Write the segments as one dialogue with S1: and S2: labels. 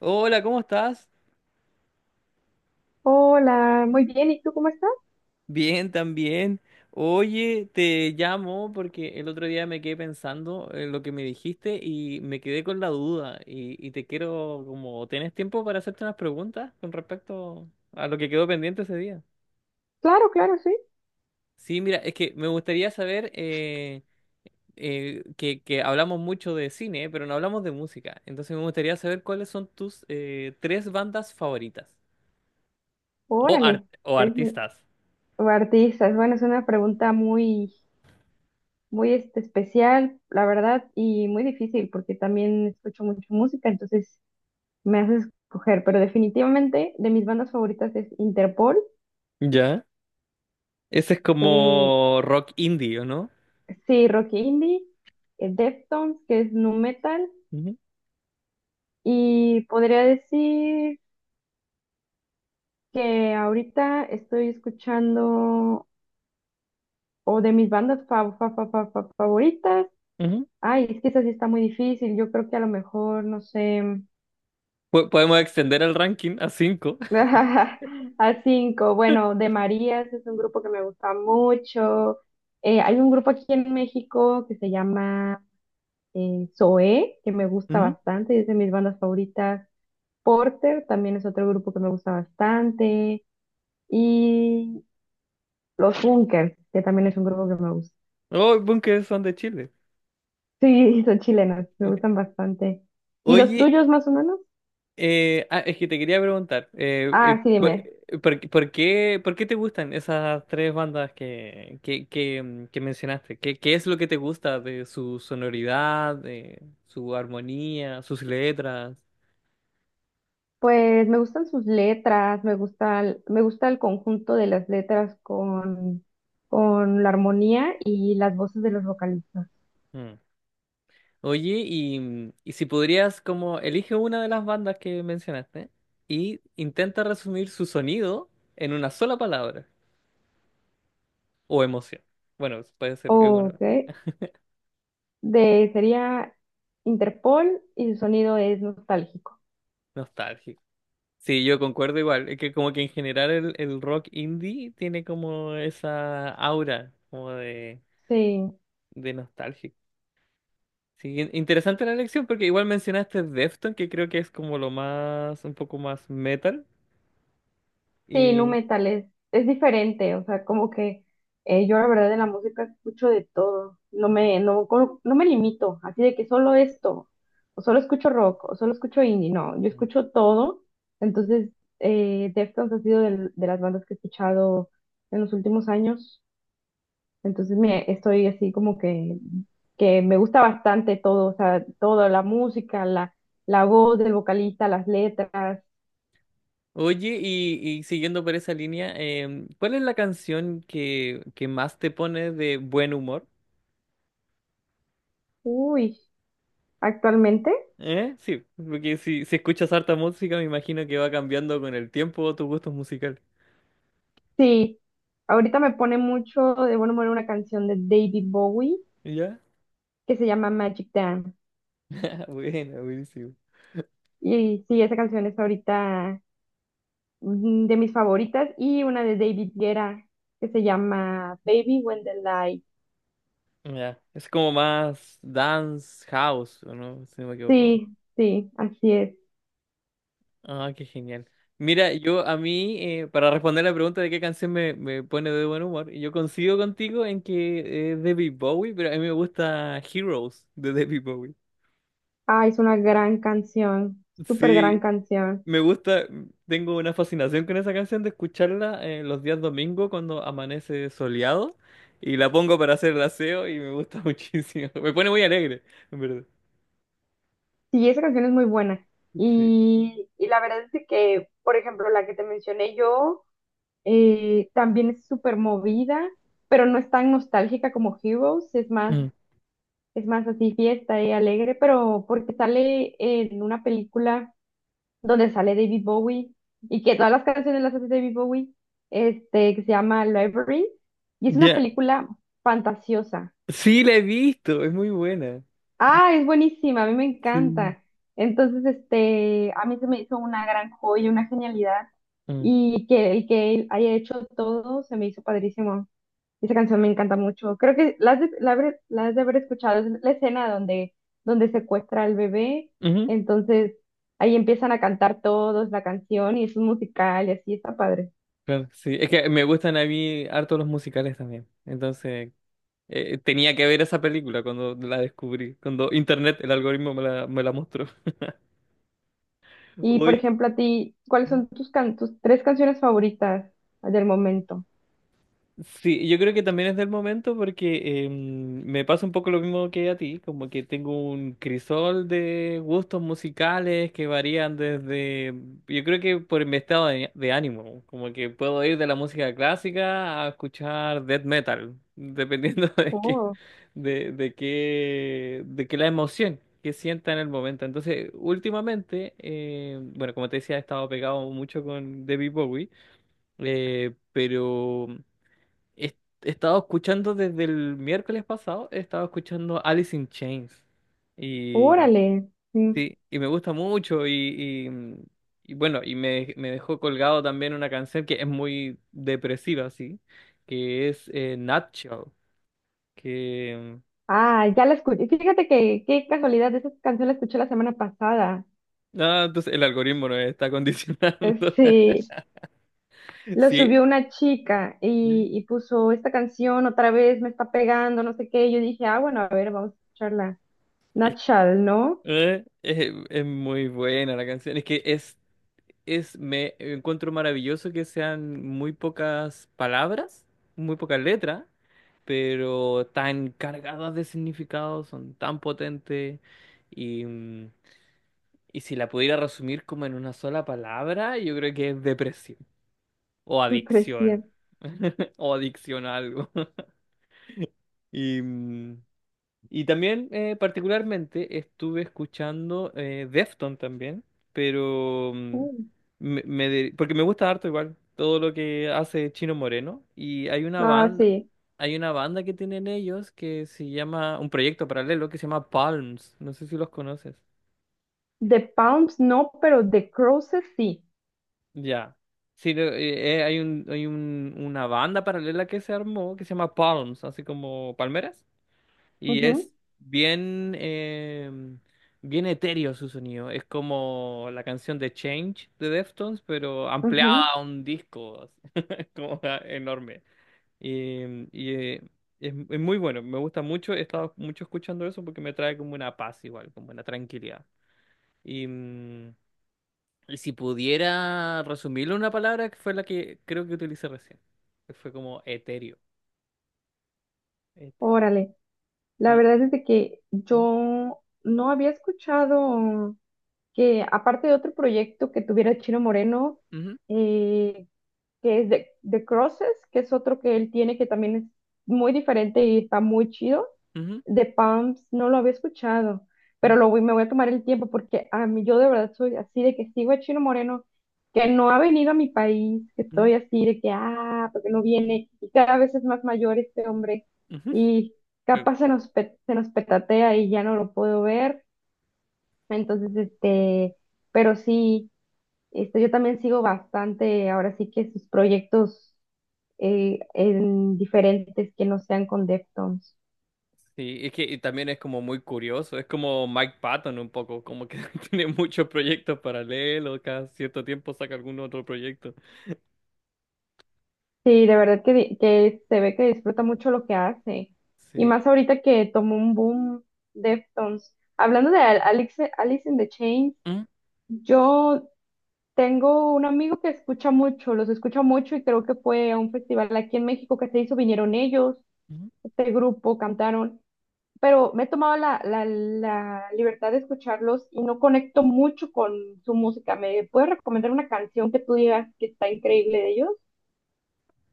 S1: Hola, ¿cómo estás?
S2: Hola, muy bien, ¿y tú cómo estás?
S1: Bien, también. Oye, te llamo porque el otro día me quedé pensando en lo que me dijiste y me quedé con la duda y te quiero, como, ¿tenés tiempo para hacerte unas preguntas con respecto a lo que quedó pendiente ese día?
S2: Claro, claro, sí.
S1: Sí, mira, es que me gustaría saber que hablamos mucho de cine, pero no hablamos de música. Entonces me gustaría saber cuáles son tus tres bandas favoritas o,
S2: Órale.
S1: o
S2: Es-
S1: artistas.
S2: o artistas, bueno, es una pregunta muy este, especial, la verdad, y muy difícil, porque también escucho mucho música, entonces me haces escoger, pero definitivamente de mis bandas favoritas es Interpol.
S1: ¿Ya? Ese es
S2: eh,
S1: como rock indie, ¿o no?
S2: sí, rock indie, Deftones, que es nu metal,
S1: Ujú,
S2: y podría decir que ahorita estoy escuchando, o de mis bandas favoritas.
S1: ujú.
S2: Ay, es que esa sí está muy difícil. Yo creo que a lo mejor, no sé,
S1: Podemos extender el ranking a
S2: a cinco. Bueno, de Marías es un grupo que me gusta mucho. Hay un grupo aquí en México que se llama Zoé, que me gusta
S1: 5.
S2: bastante, y es de mis bandas favoritas. Porter también es otro grupo que me gusta bastante. Y Los Bunkers, que también es un grupo que me gusta.
S1: Oh, Bunker son de Chile.
S2: Sí, son chilenos, me gustan bastante. ¿Y los
S1: Oye,
S2: tuyos más o menos?
S1: es que te quería preguntar,
S2: Ah, sí,
S1: por,
S2: dime.
S1: ¿por qué, por qué te gustan esas tres bandas que mencionaste? ¿Qué, qué es lo que te gusta de su sonoridad, de su armonía, sus letras?
S2: Pues me gustan sus letras, me gusta, me gusta el conjunto de las letras con la armonía y las voces de los vocalistas.
S1: Mm. Oye, y si podrías, como, elige una de las bandas que mencionaste y intenta resumir su sonido en una sola palabra o emoción. Bueno, puede ser, bueno,
S2: Ok, de, sería Interpol y su sonido es nostálgico.
S1: nostálgico. Sí, yo concuerdo igual, es que como que en general el rock indie tiene como esa aura como
S2: Sí.
S1: de nostálgico. Sí, interesante la elección porque igual mencionaste Defton, que creo que es como lo más, un poco más metal
S2: Sí, nu
S1: y...
S2: metal es diferente, o sea, como que yo la verdad de la música escucho de todo, no me, no, no me limito, así de que solo esto, o solo escucho rock, o solo escucho indie, no, yo escucho todo, entonces Deftones ha sido de, las bandas que he escuchado en los últimos años, entonces me, estoy así como que me gusta bastante todo, o sea, todo, la música, la voz del vocalista, las letras.
S1: Oye, y siguiendo por esa línea, em, ¿cuál es la canción que más te pone de buen humor?
S2: Uy, actualmente.
S1: ¿Eh? Sí, porque si escuchas harta música, me imagino que va cambiando con el tiempo tus gustos musicales.
S2: Sí, ahorita me pone mucho de buen humor una canción de David Bowie
S1: ¿Ya?
S2: que se llama Magic Dance.
S1: Bueno, buenísimo.
S2: Y sí, esa canción es ahorita de mis favoritas y una de David Guerra que se llama Baby When the Light.
S1: Ya, es como más dance house, ¿o no? Si no me equivoco.
S2: Sí, sí, así es.
S1: Ah, qué genial. Mira, yo a mí, para responder la pregunta de qué canción me pone de buen humor, yo coincido contigo en que es David Bowie, pero a mí me gusta Heroes de David Bowie.
S2: Ah, es una gran canción, súper gran
S1: Sí,
S2: canción.
S1: me gusta, tengo una fascinación con esa canción de escucharla los días domingo cuando amanece soleado y la pongo para hacer el aseo y me gusta muchísimo. Me pone muy alegre, en verdad.
S2: Sí, esa canción es muy buena.
S1: Sí.
S2: Y la verdad es de que, por ejemplo, la que te mencioné yo. También es súper movida, pero no es tan nostálgica como Heroes,
S1: Mm.
S2: es más así fiesta y alegre, pero porque sale en una película donde sale David Bowie y que todas las canciones las hace David Bowie, este, que se llama Library, y es una
S1: Ya.
S2: película fantasiosa.
S1: Sí, la he visto, es muy buena.
S2: Ah, es buenísima, a mí me
S1: Sí.
S2: encanta. Entonces, este, a mí se me hizo una gran joya, una genialidad,
S1: Mm.
S2: y que el que él haya hecho todo se me hizo padrísimo. Esa canción me encanta mucho. Creo que la has de, la has de haber escuchado. Es la escena donde, donde secuestra al bebé.
S1: Ujú.
S2: Entonces ahí empiezan a cantar todos la canción y es un musical y así está padre.
S1: Claro, sí, es que me gustan a mí harto los musicales también. Entonces, tenía que ver esa película cuando la descubrí, cuando internet, el algoritmo me la mostró.
S2: Y por
S1: Hoy.
S2: ejemplo, a ti, ¿cuáles son tus, tus tres canciones favoritas del momento?
S1: Sí, yo creo que también es del momento porque em, me pasa un poco lo mismo que a ti, como que tengo un crisol de gustos musicales que varían desde, yo creo que por mi estado de ánimo, como que puedo ir de la música clásica a escuchar death metal, dependiendo de qué,
S2: Oh,
S1: de qué la emoción que sienta en el momento. Entonces, últimamente, bueno, como te decía, he estado pegado mucho con David Bowie. Eh, pero He he estado escuchando desde el miércoles pasado, he estado escuchando Alice in Chains. Y
S2: órale. Sí.
S1: sí, y me gusta mucho. Y bueno, me dejó colgado también una canción que es muy depresiva, sí, que es Nutshell. Que.
S2: Ah, ya la escuché. Fíjate que qué casualidad, esa canción la escuché la semana pasada.
S1: No, entonces el algoritmo nos está condicionando.
S2: Sí, lo
S1: Sí.
S2: subió una chica
S1: Es,
S2: y puso esta canción otra vez, me está pegando, no sé qué. Y yo dije, ah, bueno, a ver, vamos a escucharla. Natchal, ¿no?
S1: es muy buena la canción. Es que me encuentro maravilloso que sean muy pocas palabras, muy pocas letras, pero tan cargadas de significado, son tan potentes. Y, mm, y si la pudiera resumir como en una sola palabra, yo creo que es depresión o
S2: Me
S1: adicción.
S2: parecía.
S1: O adicción a algo. Y, mm, Y también, particularmente, estuve escuchando Defton también, pero
S2: Mm.
S1: porque me gusta harto igual todo lo que hace Chino Moreno. Y
S2: Ah, sí.
S1: hay una banda que tienen ellos que se llama, un proyecto paralelo que se llama Palms. No sé si los conoces.
S2: The Palms no, pero The Crosses sí.
S1: Ya. Sí, hay un, una banda paralela que se armó que se llama Palms, así como palmeras. Y
S2: Ujú,
S1: es bien, bien etéreo su sonido. Es como la canción de Change de Deftones, pero ampliada
S2: ujú.
S1: a un disco. Así. Es como enorme. Y, em, y, eh, es muy bueno, me gusta mucho. He estado mucho escuchando eso porque me trae como una paz igual, como una tranquilidad. Y, mm, y si pudiera resumirlo en una palabra, que fue la que creo que utilicé recién, que fue como etéreo. Este,
S2: Órale. La
S1: sí,
S2: verdad es de que
S1: mm,
S2: yo no había escuchado que, aparte de otro proyecto que tuviera Chino Moreno,
S1: ujú,
S2: eh, que es de Crosses, que es otro que él tiene que también es muy diferente y está muy chido.
S1: ujú,
S2: De Pumps no lo había escuchado,
S1: mm,
S2: pero me voy a tomar el tiempo porque a mí yo de verdad soy así de que sigo a Chino Moreno, que no ha venido a mi país, que estoy así de que, ah, porque no viene, y cada vez es más mayor este hombre,
S1: mm, ujú.
S2: y
S1: Pero
S2: capaz se nos, se nos petatea y ya no lo puedo ver, entonces, este, pero sí. Este, yo también sigo bastante, ahora sí que sus proyectos en diferentes que no sean con Deftones.
S1: sí, es que y también es como muy curioso, es como Mike Patton un poco, como que tiene muchos proyectos paralelos, cada cierto tiempo saca algún otro proyecto.
S2: Sí, de verdad que, que se ve que disfruta mucho lo que hace. Y
S1: Sí.
S2: más ahorita que tomó un boom Deftones. Hablando de Alice, Alice in the Chains,
S1: Mm,
S2: yo tengo un amigo que escucha mucho, los escucha mucho y creo que fue a un festival aquí en México que se hizo, vinieron ellos,
S1: mm.
S2: este grupo, cantaron. Pero me he tomado la, la libertad de escucharlos y no conecto mucho con su música. ¿Me puedes recomendar una canción que tú digas que está increíble de ellos?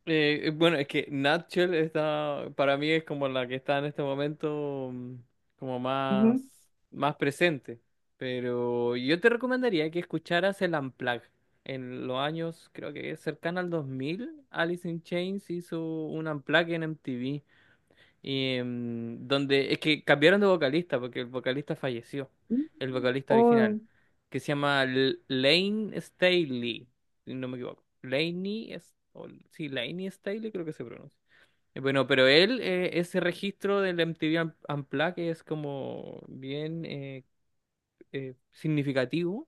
S1: Bueno, es que Natchel está, para mí es como la que está en este momento como
S2: Ujú.
S1: más, más presente, pero yo te recomendaría que escucharas el Unplugged. En los años, creo que cercano al 2000, Alice in Chains hizo un Unplugged en MTV. Y donde es que cambiaron de vocalista porque el vocalista falleció, el vocalista original,
S2: Oh,
S1: que se llama Lane Staley, si no me equivoco. Laney, es, sí, Laney Staley creo que se pronuncia. Bueno, pero él, ese registro del MTV Unplugged es como bien, significativo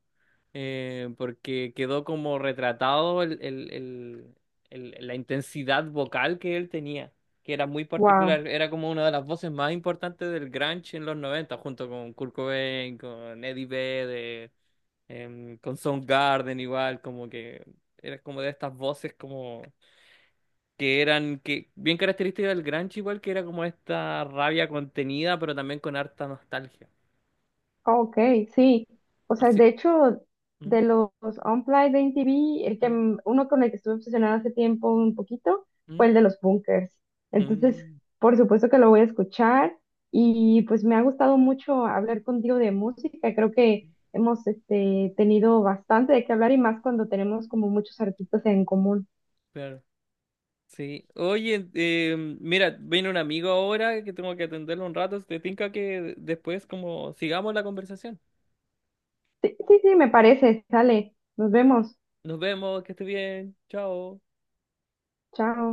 S1: porque quedó como retratado la intensidad vocal que él tenía, que era muy
S2: wow.
S1: particular, era como una de las voces más importantes del grunge en los 90 junto con Kurt Cobain, con Eddie Vedder, con Soundgarden igual, como que era como de estas voces como que eran que bien características del grunge igual que era como esta rabia contenida, pero también con harta nostalgia.
S2: Ok, sí. O sea,
S1: Así.
S2: de hecho,
S1: ¿Mm?
S2: de los Unplugged de MTV, el que,
S1: ¿Mm?
S2: uno con el que estuve obsesionada hace tiempo un poquito fue
S1: ¿Mm?
S2: el de los Bunkers. Entonces,
S1: Mm,
S2: por supuesto que lo voy a escuchar y pues me ha gustado mucho hablar contigo de música. Creo que hemos este, tenido bastante de qué hablar y más cuando tenemos como muchos artistas en común.
S1: claro. Sí. Oye, mira, viene un amigo ahora que tengo que atenderlo un rato. ¿Te tinca que después como sigamos la conversación?
S2: Sí, sí, sí, me parece. Sale. Nos vemos.
S1: Nos vemos, que esté bien. Chao.
S2: Chao.